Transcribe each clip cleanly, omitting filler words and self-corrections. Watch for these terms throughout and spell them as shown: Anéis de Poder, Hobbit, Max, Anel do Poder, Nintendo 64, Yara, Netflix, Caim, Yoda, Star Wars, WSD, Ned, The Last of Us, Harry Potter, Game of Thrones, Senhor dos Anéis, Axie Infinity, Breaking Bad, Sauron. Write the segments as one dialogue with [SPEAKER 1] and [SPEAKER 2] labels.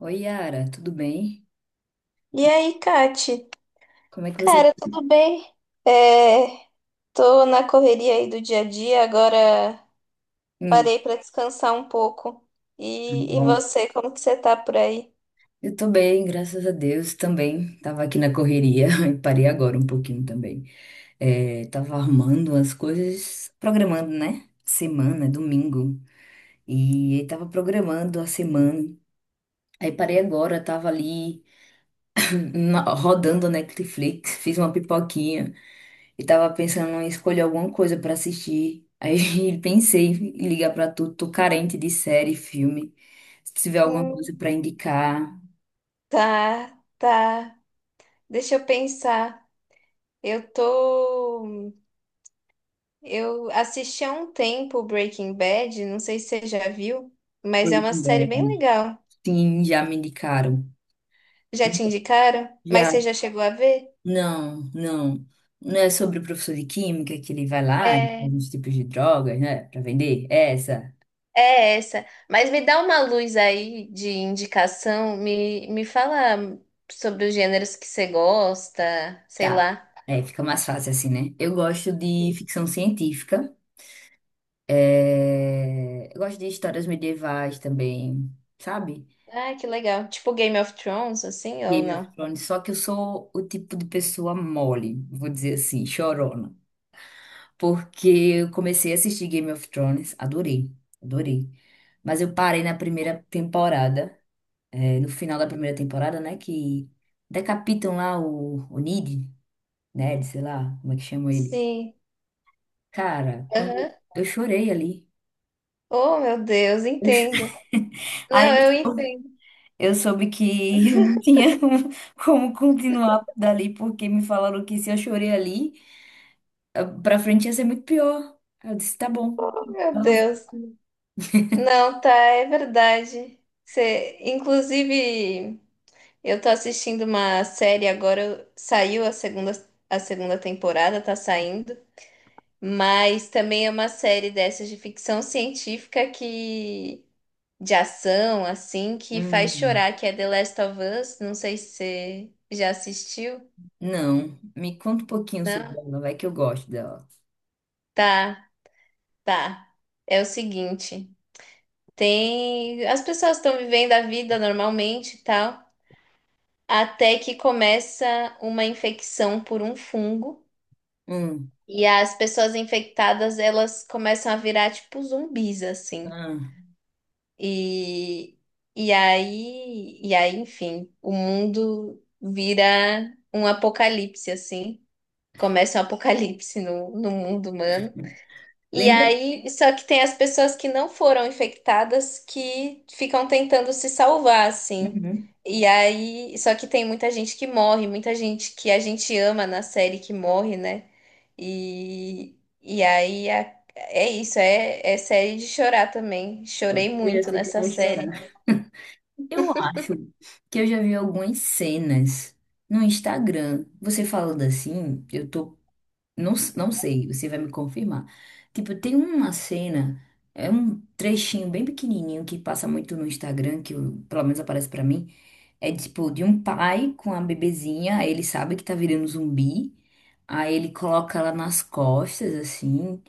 [SPEAKER 1] Oi, Yara, tudo bem?
[SPEAKER 2] E aí, Kati?
[SPEAKER 1] Como é que você.
[SPEAKER 2] Cara, tudo bem? É, tô na correria aí do dia a dia, agora
[SPEAKER 1] Hum,
[SPEAKER 2] parei pra descansar um pouco.
[SPEAKER 1] tudo
[SPEAKER 2] E
[SPEAKER 1] bom.
[SPEAKER 2] você, como que você tá por aí?
[SPEAKER 1] Eu tô bem, graças a Deus também. Tava aqui na correria e parei agora um pouquinho também. É, tava armando as coisas, programando, né? Semana, domingo. E aí tava programando a semana. Aí parei agora, tava ali rodando a Netflix, fiz uma pipoquinha. E tava pensando em escolher alguma coisa pra assistir. Aí pensei em ligar pra tu, tô carente de série, filme. Se tiver alguma
[SPEAKER 2] Hum.
[SPEAKER 1] coisa pra indicar,
[SPEAKER 2] Tá, tá. Deixa eu pensar. Eu tô. Eu assisti há um tempo Breaking Bad, não sei se você já viu, mas é
[SPEAKER 1] eu
[SPEAKER 2] uma série bem
[SPEAKER 1] também.
[SPEAKER 2] legal.
[SPEAKER 1] Sim, já me indicaram.
[SPEAKER 2] Já te indicaram? Mas
[SPEAKER 1] Já,
[SPEAKER 2] você já chegou a ver?
[SPEAKER 1] não, não. Não é sobre o professor de química que ele vai lá e
[SPEAKER 2] É.
[SPEAKER 1] faz uns tipos de drogas, né? Pra vender? É essa?
[SPEAKER 2] É essa. Mas me dá uma luz aí de indicação, me fala sobre os gêneros que você gosta, sei
[SPEAKER 1] Tá.
[SPEAKER 2] lá.
[SPEAKER 1] É, fica mais fácil assim, né? Eu gosto de ficção científica. Eu gosto de histórias medievais também, sabe?
[SPEAKER 2] Ah, que legal. Tipo Game of Thrones, assim, ou
[SPEAKER 1] Game of
[SPEAKER 2] não?
[SPEAKER 1] Thrones, só que eu sou o tipo de pessoa mole, vou dizer assim, chorona. Porque eu comecei a assistir Game of Thrones, adorei, adorei. Mas eu parei na primeira temporada, no final da primeira temporada, né? Que decapitam lá o Ned, Ned, sei lá, como é que chama ele.
[SPEAKER 2] Sim.
[SPEAKER 1] Cara,
[SPEAKER 2] Aham.
[SPEAKER 1] quando eu chorei ali.
[SPEAKER 2] Oh, meu Deus,
[SPEAKER 1] Eu chorei.
[SPEAKER 2] entendo.
[SPEAKER 1] Aí
[SPEAKER 2] Não,
[SPEAKER 1] eu
[SPEAKER 2] eu
[SPEAKER 1] sou-
[SPEAKER 2] entendo.
[SPEAKER 1] eu soube que eu não tinha como continuar dali, porque me falaram que se eu chorei ali. Pra frente ia ser muito pior. Aí eu disse, tá bom.
[SPEAKER 2] Oh, meu
[SPEAKER 1] Ela.
[SPEAKER 2] Deus. Não, tá, é verdade. Você, inclusive, eu tô assistindo uma série agora, saiu a segunda temporada, tá saindo. Mas também é uma série dessas de ficção científica que de ação assim que faz
[SPEAKER 1] Hum.
[SPEAKER 2] chorar, que é The Last of Us. Não sei se você já assistiu,
[SPEAKER 1] Não, me conta um pouquinho sobre
[SPEAKER 2] não?
[SPEAKER 1] ela, vai que eu gosto dela.
[SPEAKER 2] Tá, tá. É o seguinte, tem as pessoas estão vivendo a vida normalmente e tal, até que começa uma infecção por um fungo
[SPEAKER 1] Hum,
[SPEAKER 2] e as pessoas infectadas, elas começam a virar tipo zumbis assim.
[SPEAKER 1] ah,
[SPEAKER 2] E, e aí, enfim, o mundo vira um apocalipse, assim. Começa um apocalipse no mundo humano. E
[SPEAKER 1] lembra?
[SPEAKER 2] aí, só que tem as pessoas que não foram infectadas que ficam tentando se salvar, assim.
[SPEAKER 1] Uhum.
[SPEAKER 2] E aí, só que tem muita gente que morre, muita gente que a gente ama na série que morre, né? E, e aí é isso, é série de chorar também. Chorei
[SPEAKER 1] Eu já
[SPEAKER 2] muito
[SPEAKER 1] sei que eu
[SPEAKER 2] nessa
[SPEAKER 1] vou chorar.
[SPEAKER 2] série.
[SPEAKER 1] Eu acho que eu já vi algumas cenas no Instagram. Você falando assim, eu tô. Não, não sei, você vai me confirmar. Tipo, tem uma cena, é um trechinho bem pequenininho que passa muito no Instagram, pelo menos aparece pra mim. É tipo de um pai com a bebezinha, aí ele sabe que tá virando zumbi, aí ele coloca ela nas costas, assim,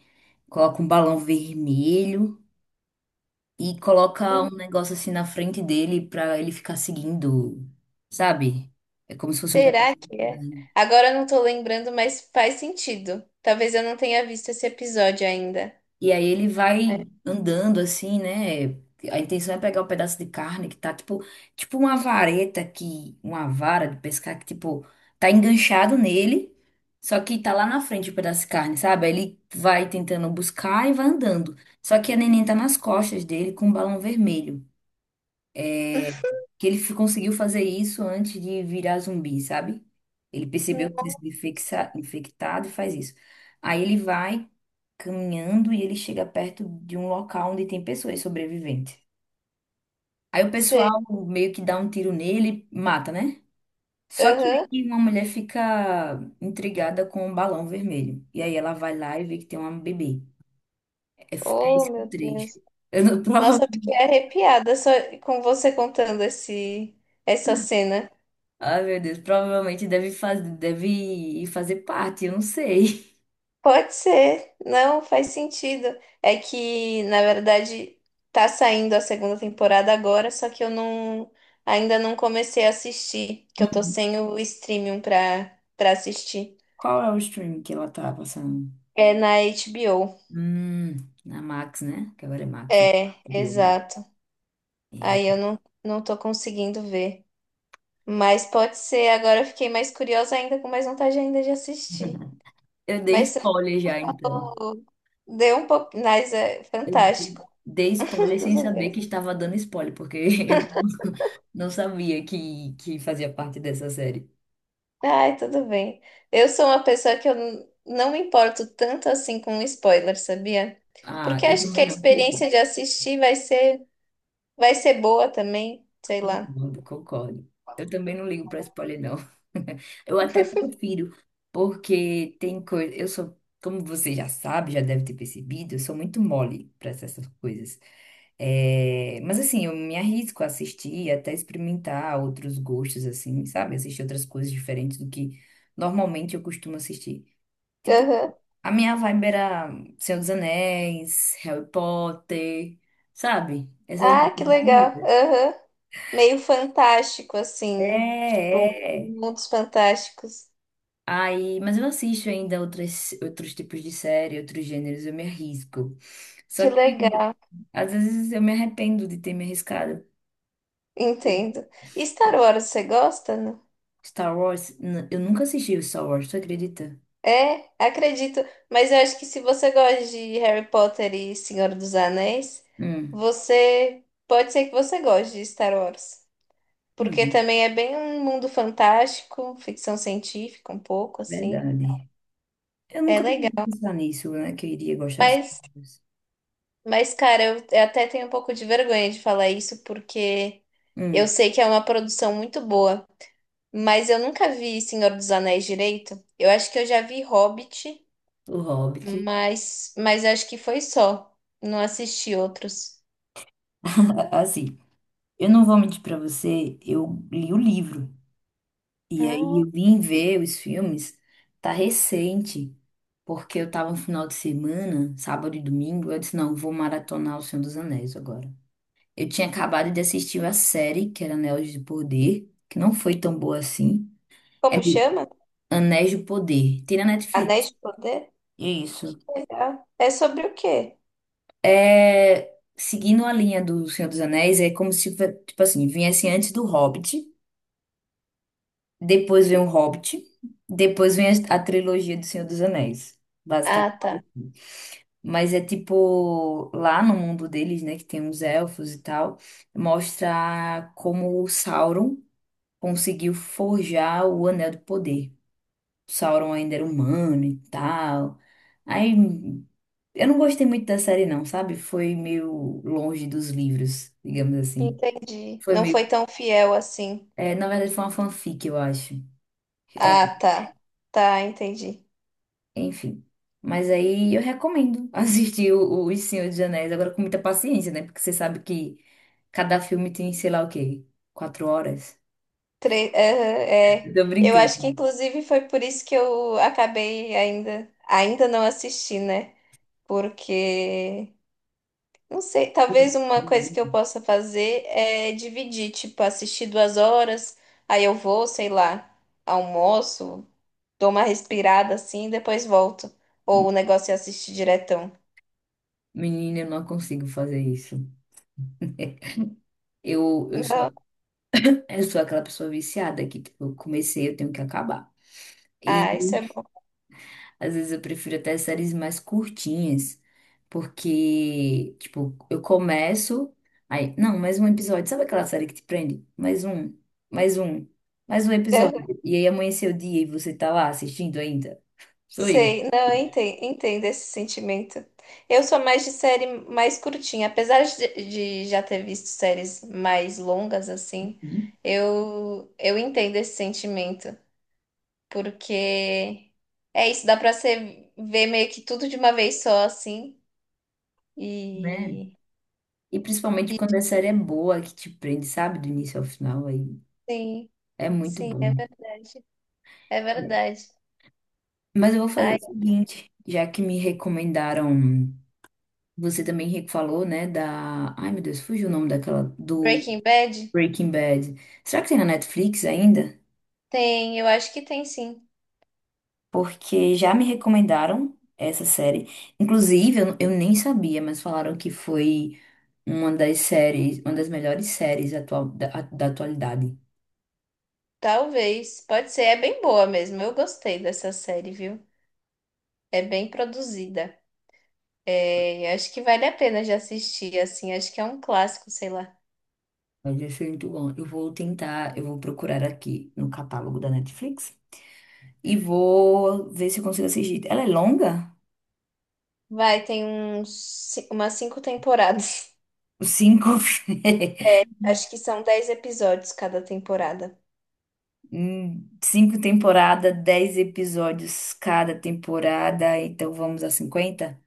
[SPEAKER 1] coloca um balão vermelho e coloca um negócio assim na frente dele pra ele ficar seguindo, sabe? É como se fosse um
[SPEAKER 2] Será
[SPEAKER 1] pedaço de
[SPEAKER 2] que é?
[SPEAKER 1] carne.
[SPEAKER 2] Agora eu não tô lembrando, mas faz sentido. Talvez eu não tenha visto esse episódio ainda.
[SPEAKER 1] E aí ele vai andando assim, né? A intenção é pegar o pedaço de carne que tá tipo uma vareta que, uma vara de pescar que tipo tá enganchado nele, só que tá lá na frente o pedaço de carne, sabe? Aí ele vai tentando buscar e vai andando. Só que a neném tá nas costas dele com um balão vermelho que ele conseguiu fazer isso antes de virar zumbi, sabe? Ele percebeu que tinha sido
[SPEAKER 2] Nossa,
[SPEAKER 1] infectado e faz isso. Aí ele vai caminhando e ele chega perto de um local onde tem pessoas sobreviventes. Aí o pessoal
[SPEAKER 2] sei.
[SPEAKER 1] meio que dá um tiro nele e mata, né? Só que
[SPEAKER 2] Aham.
[SPEAKER 1] aí uma mulher fica intrigada com um balão vermelho. E aí ela vai lá e vê que tem uma bebê. É, é
[SPEAKER 2] Oh,
[SPEAKER 1] esse o
[SPEAKER 2] meu Deus.
[SPEAKER 1] trecho. Eu não, prova.
[SPEAKER 2] Nossa, eu fiquei arrepiada só com você contando essa cena.
[SPEAKER 1] Ai, meu Deus, provavelmente deve fazer parte, eu não sei.
[SPEAKER 2] Pode ser. Não, faz sentido. É que, na verdade, tá saindo a segunda temporada agora, só que eu não ainda não comecei a assistir, que eu tô sem o streaming pra assistir.
[SPEAKER 1] Qual é o stream que ela tá passando?
[SPEAKER 2] É na HBO.
[SPEAKER 1] Hum, na Max, né? Que agora é Max, né?
[SPEAKER 2] É,
[SPEAKER 1] Subiu Max.
[SPEAKER 2] exato. Aí eu
[SPEAKER 1] É.
[SPEAKER 2] não tô conseguindo ver. Mas pode ser, agora eu fiquei mais curiosa ainda, com mais vontade ainda de assistir.
[SPEAKER 1] Eu dei
[SPEAKER 2] Mas
[SPEAKER 1] spoiler já, então.
[SPEAKER 2] tô- deu um pouco. Mas é
[SPEAKER 1] Eu
[SPEAKER 2] fantástico.
[SPEAKER 1] dei spoiler sem
[SPEAKER 2] Tudo
[SPEAKER 1] saber que
[SPEAKER 2] bem.
[SPEAKER 1] estava dando spoiler, porque eu não não sabia que fazia parte dessa série.
[SPEAKER 2] Ai, tudo bem. Eu sou uma pessoa que eu não me importo tanto assim com spoiler, sabia?
[SPEAKER 1] Ah,
[SPEAKER 2] Porque
[SPEAKER 1] eu
[SPEAKER 2] acho que a
[SPEAKER 1] também não.
[SPEAKER 2] experiência de assistir vai ser boa também, sei lá.
[SPEAKER 1] Concordo, concordo. Eu também não ligo para spoiler, não. Eu até prefiro, porque tem coisa. Eu sou, como você já sabe, já deve ter percebido, eu sou muito mole para essas coisas. É, mas assim, eu me arrisco a assistir, até experimentar outros gostos, assim, sabe? Assistir outras coisas diferentes do que normalmente eu costumo assistir. Tipo,
[SPEAKER 2] Aham.
[SPEAKER 1] a minha vibe era Senhor dos Anéis, Harry Potter, sabe? Essas
[SPEAKER 2] Ah, que legal.
[SPEAKER 1] coisas.
[SPEAKER 2] Aham. Meio fantástico,
[SPEAKER 1] É,
[SPEAKER 2] assim. Tipo,
[SPEAKER 1] é.
[SPEAKER 2] mundos fantásticos.
[SPEAKER 1] Aí, mas eu assisto ainda outras, outros tipos de série, outros gêneros, eu me arrisco. Só
[SPEAKER 2] Que
[SPEAKER 1] que
[SPEAKER 2] legal,
[SPEAKER 1] às vezes eu me arrependo de ter me arriscado.
[SPEAKER 2] entendo. E Star Wars, você gosta, não?
[SPEAKER 1] Star Wars, eu nunca assisti o Star Wars, tu acredita?
[SPEAKER 2] É, acredito. Mas eu acho que se você gosta de Harry Potter e Senhor dos Anéis,
[SPEAKER 1] Hum,
[SPEAKER 2] você pode ser que você goste de Star Wars. Porque
[SPEAKER 1] hum,
[SPEAKER 2] também é bem um mundo fantástico, ficção científica, um pouco assim.
[SPEAKER 1] verdade. Eu
[SPEAKER 2] É
[SPEAKER 1] nunca parei de
[SPEAKER 2] legal.
[SPEAKER 1] pensar nisso, né? Que eu iria gostar de Star
[SPEAKER 2] Mas
[SPEAKER 1] Wars.
[SPEAKER 2] Mas, cara, eu até tenho um pouco de vergonha de falar isso, porque eu
[SPEAKER 1] Hum,
[SPEAKER 2] sei que é uma produção muito boa, mas eu nunca vi Senhor dos Anéis direito. Eu acho que eu já vi Hobbit,
[SPEAKER 1] o Hobbit.
[SPEAKER 2] mas acho que foi só. Não assisti outros.
[SPEAKER 1] Assim, eu não vou mentir pra você, eu li o livro. E aí
[SPEAKER 2] Ah,
[SPEAKER 1] eu vim ver os filmes, tá recente, porque eu tava no final de semana, sábado e domingo, eu disse, não, vou maratonar O Senhor dos Anéis agora. Eu tinha acabado de assistir a série, que era Anéis de Poder, que não foi tão boa assim. É
[SPEAKER 2] como chama?
[SPEAKER 1] Anéis de Poder, tem na Netflix.
[SPEAKER 2] Anéis de Poder?
[SPEAKER 1] Isso.
[SPEAKER 2] Legal. É sobre o quê?
[SPEAKER 1] É, seguindo a linha do Senhor dos Anéis, é como se, tipo assim, viesse antes do Hobbit, depois vem o Hobbit, depois vem a trilogia do Senhor dos Anéis.
[SPEAKER 2] Ah,
[SPEAKER 1] Basicamente.
[SPEAKER 2] tá.
[SPEAKER 1] Mas é tipo, lá no mundo deles, né, que tem os elfos e tal, mostra como o Sauron conseguiu forjar o Anel do Poder. O Sauron ainda era humano e tal. Aí eu não gostei muito da série, não, sabe? Foi meio longe dos livros, digamos assim.
[SPEAKER 2] Entendi.
[SPEAKER 1] Foi
[SPEAKER 2] Não
[SPEAKER 1] meio.
[SPEAKER 2] foi tão fiel assim.
[SPEAKER 1] É, na verdade, foi uma fanfic, eu acho.
[SPEAKER 2] Ah, tá. Tá, entendi.
[SPEAKER 1] Enfim. Mas aí eu recomendo assistir o Os Senhor dos Anéis, agora com muita paciência, né? Porque você sabe que cada filme tem, sei lá o quê, 4 horas.
[SPEAKER 2] Aham, é.
[SPEAKER 1] Tô
[SPEAKER 2] Eu
[SPEAKER 1] brincando.
[SPEAKER 2] acho que inclusive foi por isso que eu acabei ainda não assisti, né? Porque, não sei, talvez uma coisa que eu possa fazer é dividir, tipo, assistir 2 horas, aí eu vou, sei lá, almoço, dou uma respirada assim, e depois volto. Ou o negócio é assistir diretão.
[SPEAKER 1] Menina, eu não consigo fazer isso. Eu, eu
[SPEAKER 2] Não.
[SPEAKER 1] sou, eu sou aquela pessoa viciada que, tipo, eu comecei, eu tenho que acabar.
[SPEAKER 2] Ah, isso é bom.
[SPEAKER 1] Às vezes eu prefiro até séries mais curtinhas, porque, tipo, eu começo, aí, não, mais um episódio. Sabe aquela série que te prende? Mais um, mais um, mais um episódio. E aí amanheceu o dia e você tá lá assistindo ainda? Sou eu,
[SPEAKER 2] Sei, não, eu entendo, esse sentimento. Eu sou mais de série mais curtinha, apesar de já ter visto séries mais longas assim, eu entendo esse sentimento, porque é isso, dá pra você ver meio que tudo de uma vez só assim.
[SPEAKER 1] né?
[SPEAKER 2] E
[SPEAKER 1] E principalmente quando a série é boa, que te prende, sabe, do início ao final, aí
[SPEAKER 2] sim,
[SPEAKER 1] é muito
[SPEAKER 2] sim, é
[SPEAKER 1] bom.
[SPEAKER 2] verdade. É verdade.
[SPEAKER 1] Mas eu vou fazer
[SPEAKER 2] Ai,
[SPEAKER 1] o seguinte, já que me recomendaram, você também falou, né, da, ai meu Deus, fugiu o nome daquela, do
[SPEAKER 2] Breaking Bad
[SPEAKER 1] Breaking Bad. Será que tem na Netflix ainda?
[SPEAKER 2] tem, eu acho que tem sim.
[SPEAKER 1] Porque já me recomendaram essa série. Inclusive, eu nem sabia, mas falaram que foi uma das séries, uma das melhores séries atual, da atualidade.
[SPEAKER 2] Talvez, pode ser, é bem boa mesmo. Eu gostei dessa série, viu? É bem produzida. É, acho que vale a pena de assistir, assim. Acho que é um clássico, sei lá.
[SPEAKER 1] Mas isso é muito bom. Eu vou tentar, eu vou procurar aqui no catálogo da Netflix e vou ver se eu consigo assistir. Ela é longa?
[SPEAKER 2] Vai, tem umas 5 temporadas.
[SPEAKER 1] 5.
[SPEAKER 2] Acho que são 10 episódios cada temporada.
[SPEAKER 1] 5 temporadas, 10 episódios cada temporada, então vamos a 50.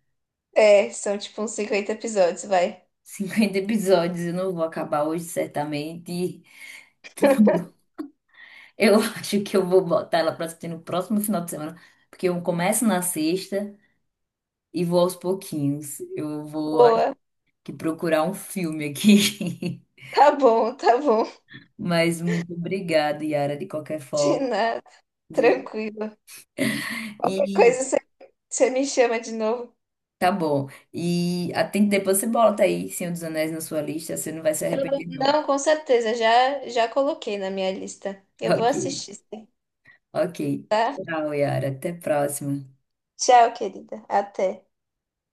[SPEAKER 2] É, são tipo uns 50 episódios, vai.
[SPEAKER 1] 50 episódios, eu não vou acabar hoje, certamente. Eu acho que eu vou botar ela pra assistir no próximo final de semana, porque eu começo na sexta e vou aos pouquinhos. Eu vou, acho
[SPEAKER 2] Boa.
[SPEAKER 1] que, procurar um filme aqui.
[SPEAKER 2] Tá bom, tá bom.
[SPEAKER 1] Mas muito obrigada, Yara, de qualquer
[SPEAKER 2] De
[SPEAKER 1] forma,
[SPEAKER 2] nada.
[SPEAKER 1] viu?
[SPEAKER 2] Tranquilo. Qualquer
[SPEAKER 1] E
[SPEAKER 2] coisa você me chama de novo.
[SPEAKER 1] tá bom. E atende, depois você bota aí Senhor dos Anéis na sua lista, você não vai se arrepender, não.
[SPEAKER 2] Não, com certeza. Já coloquei na minha lista. Eu vou
[SPEAKER 1] Ok,
[SPEAKER 2] assistir. Sim.
[SPEAKER 1] ok. Tchau, Yara. Até a próxima.
[SPEAKER 2] Tchau, querida. Até.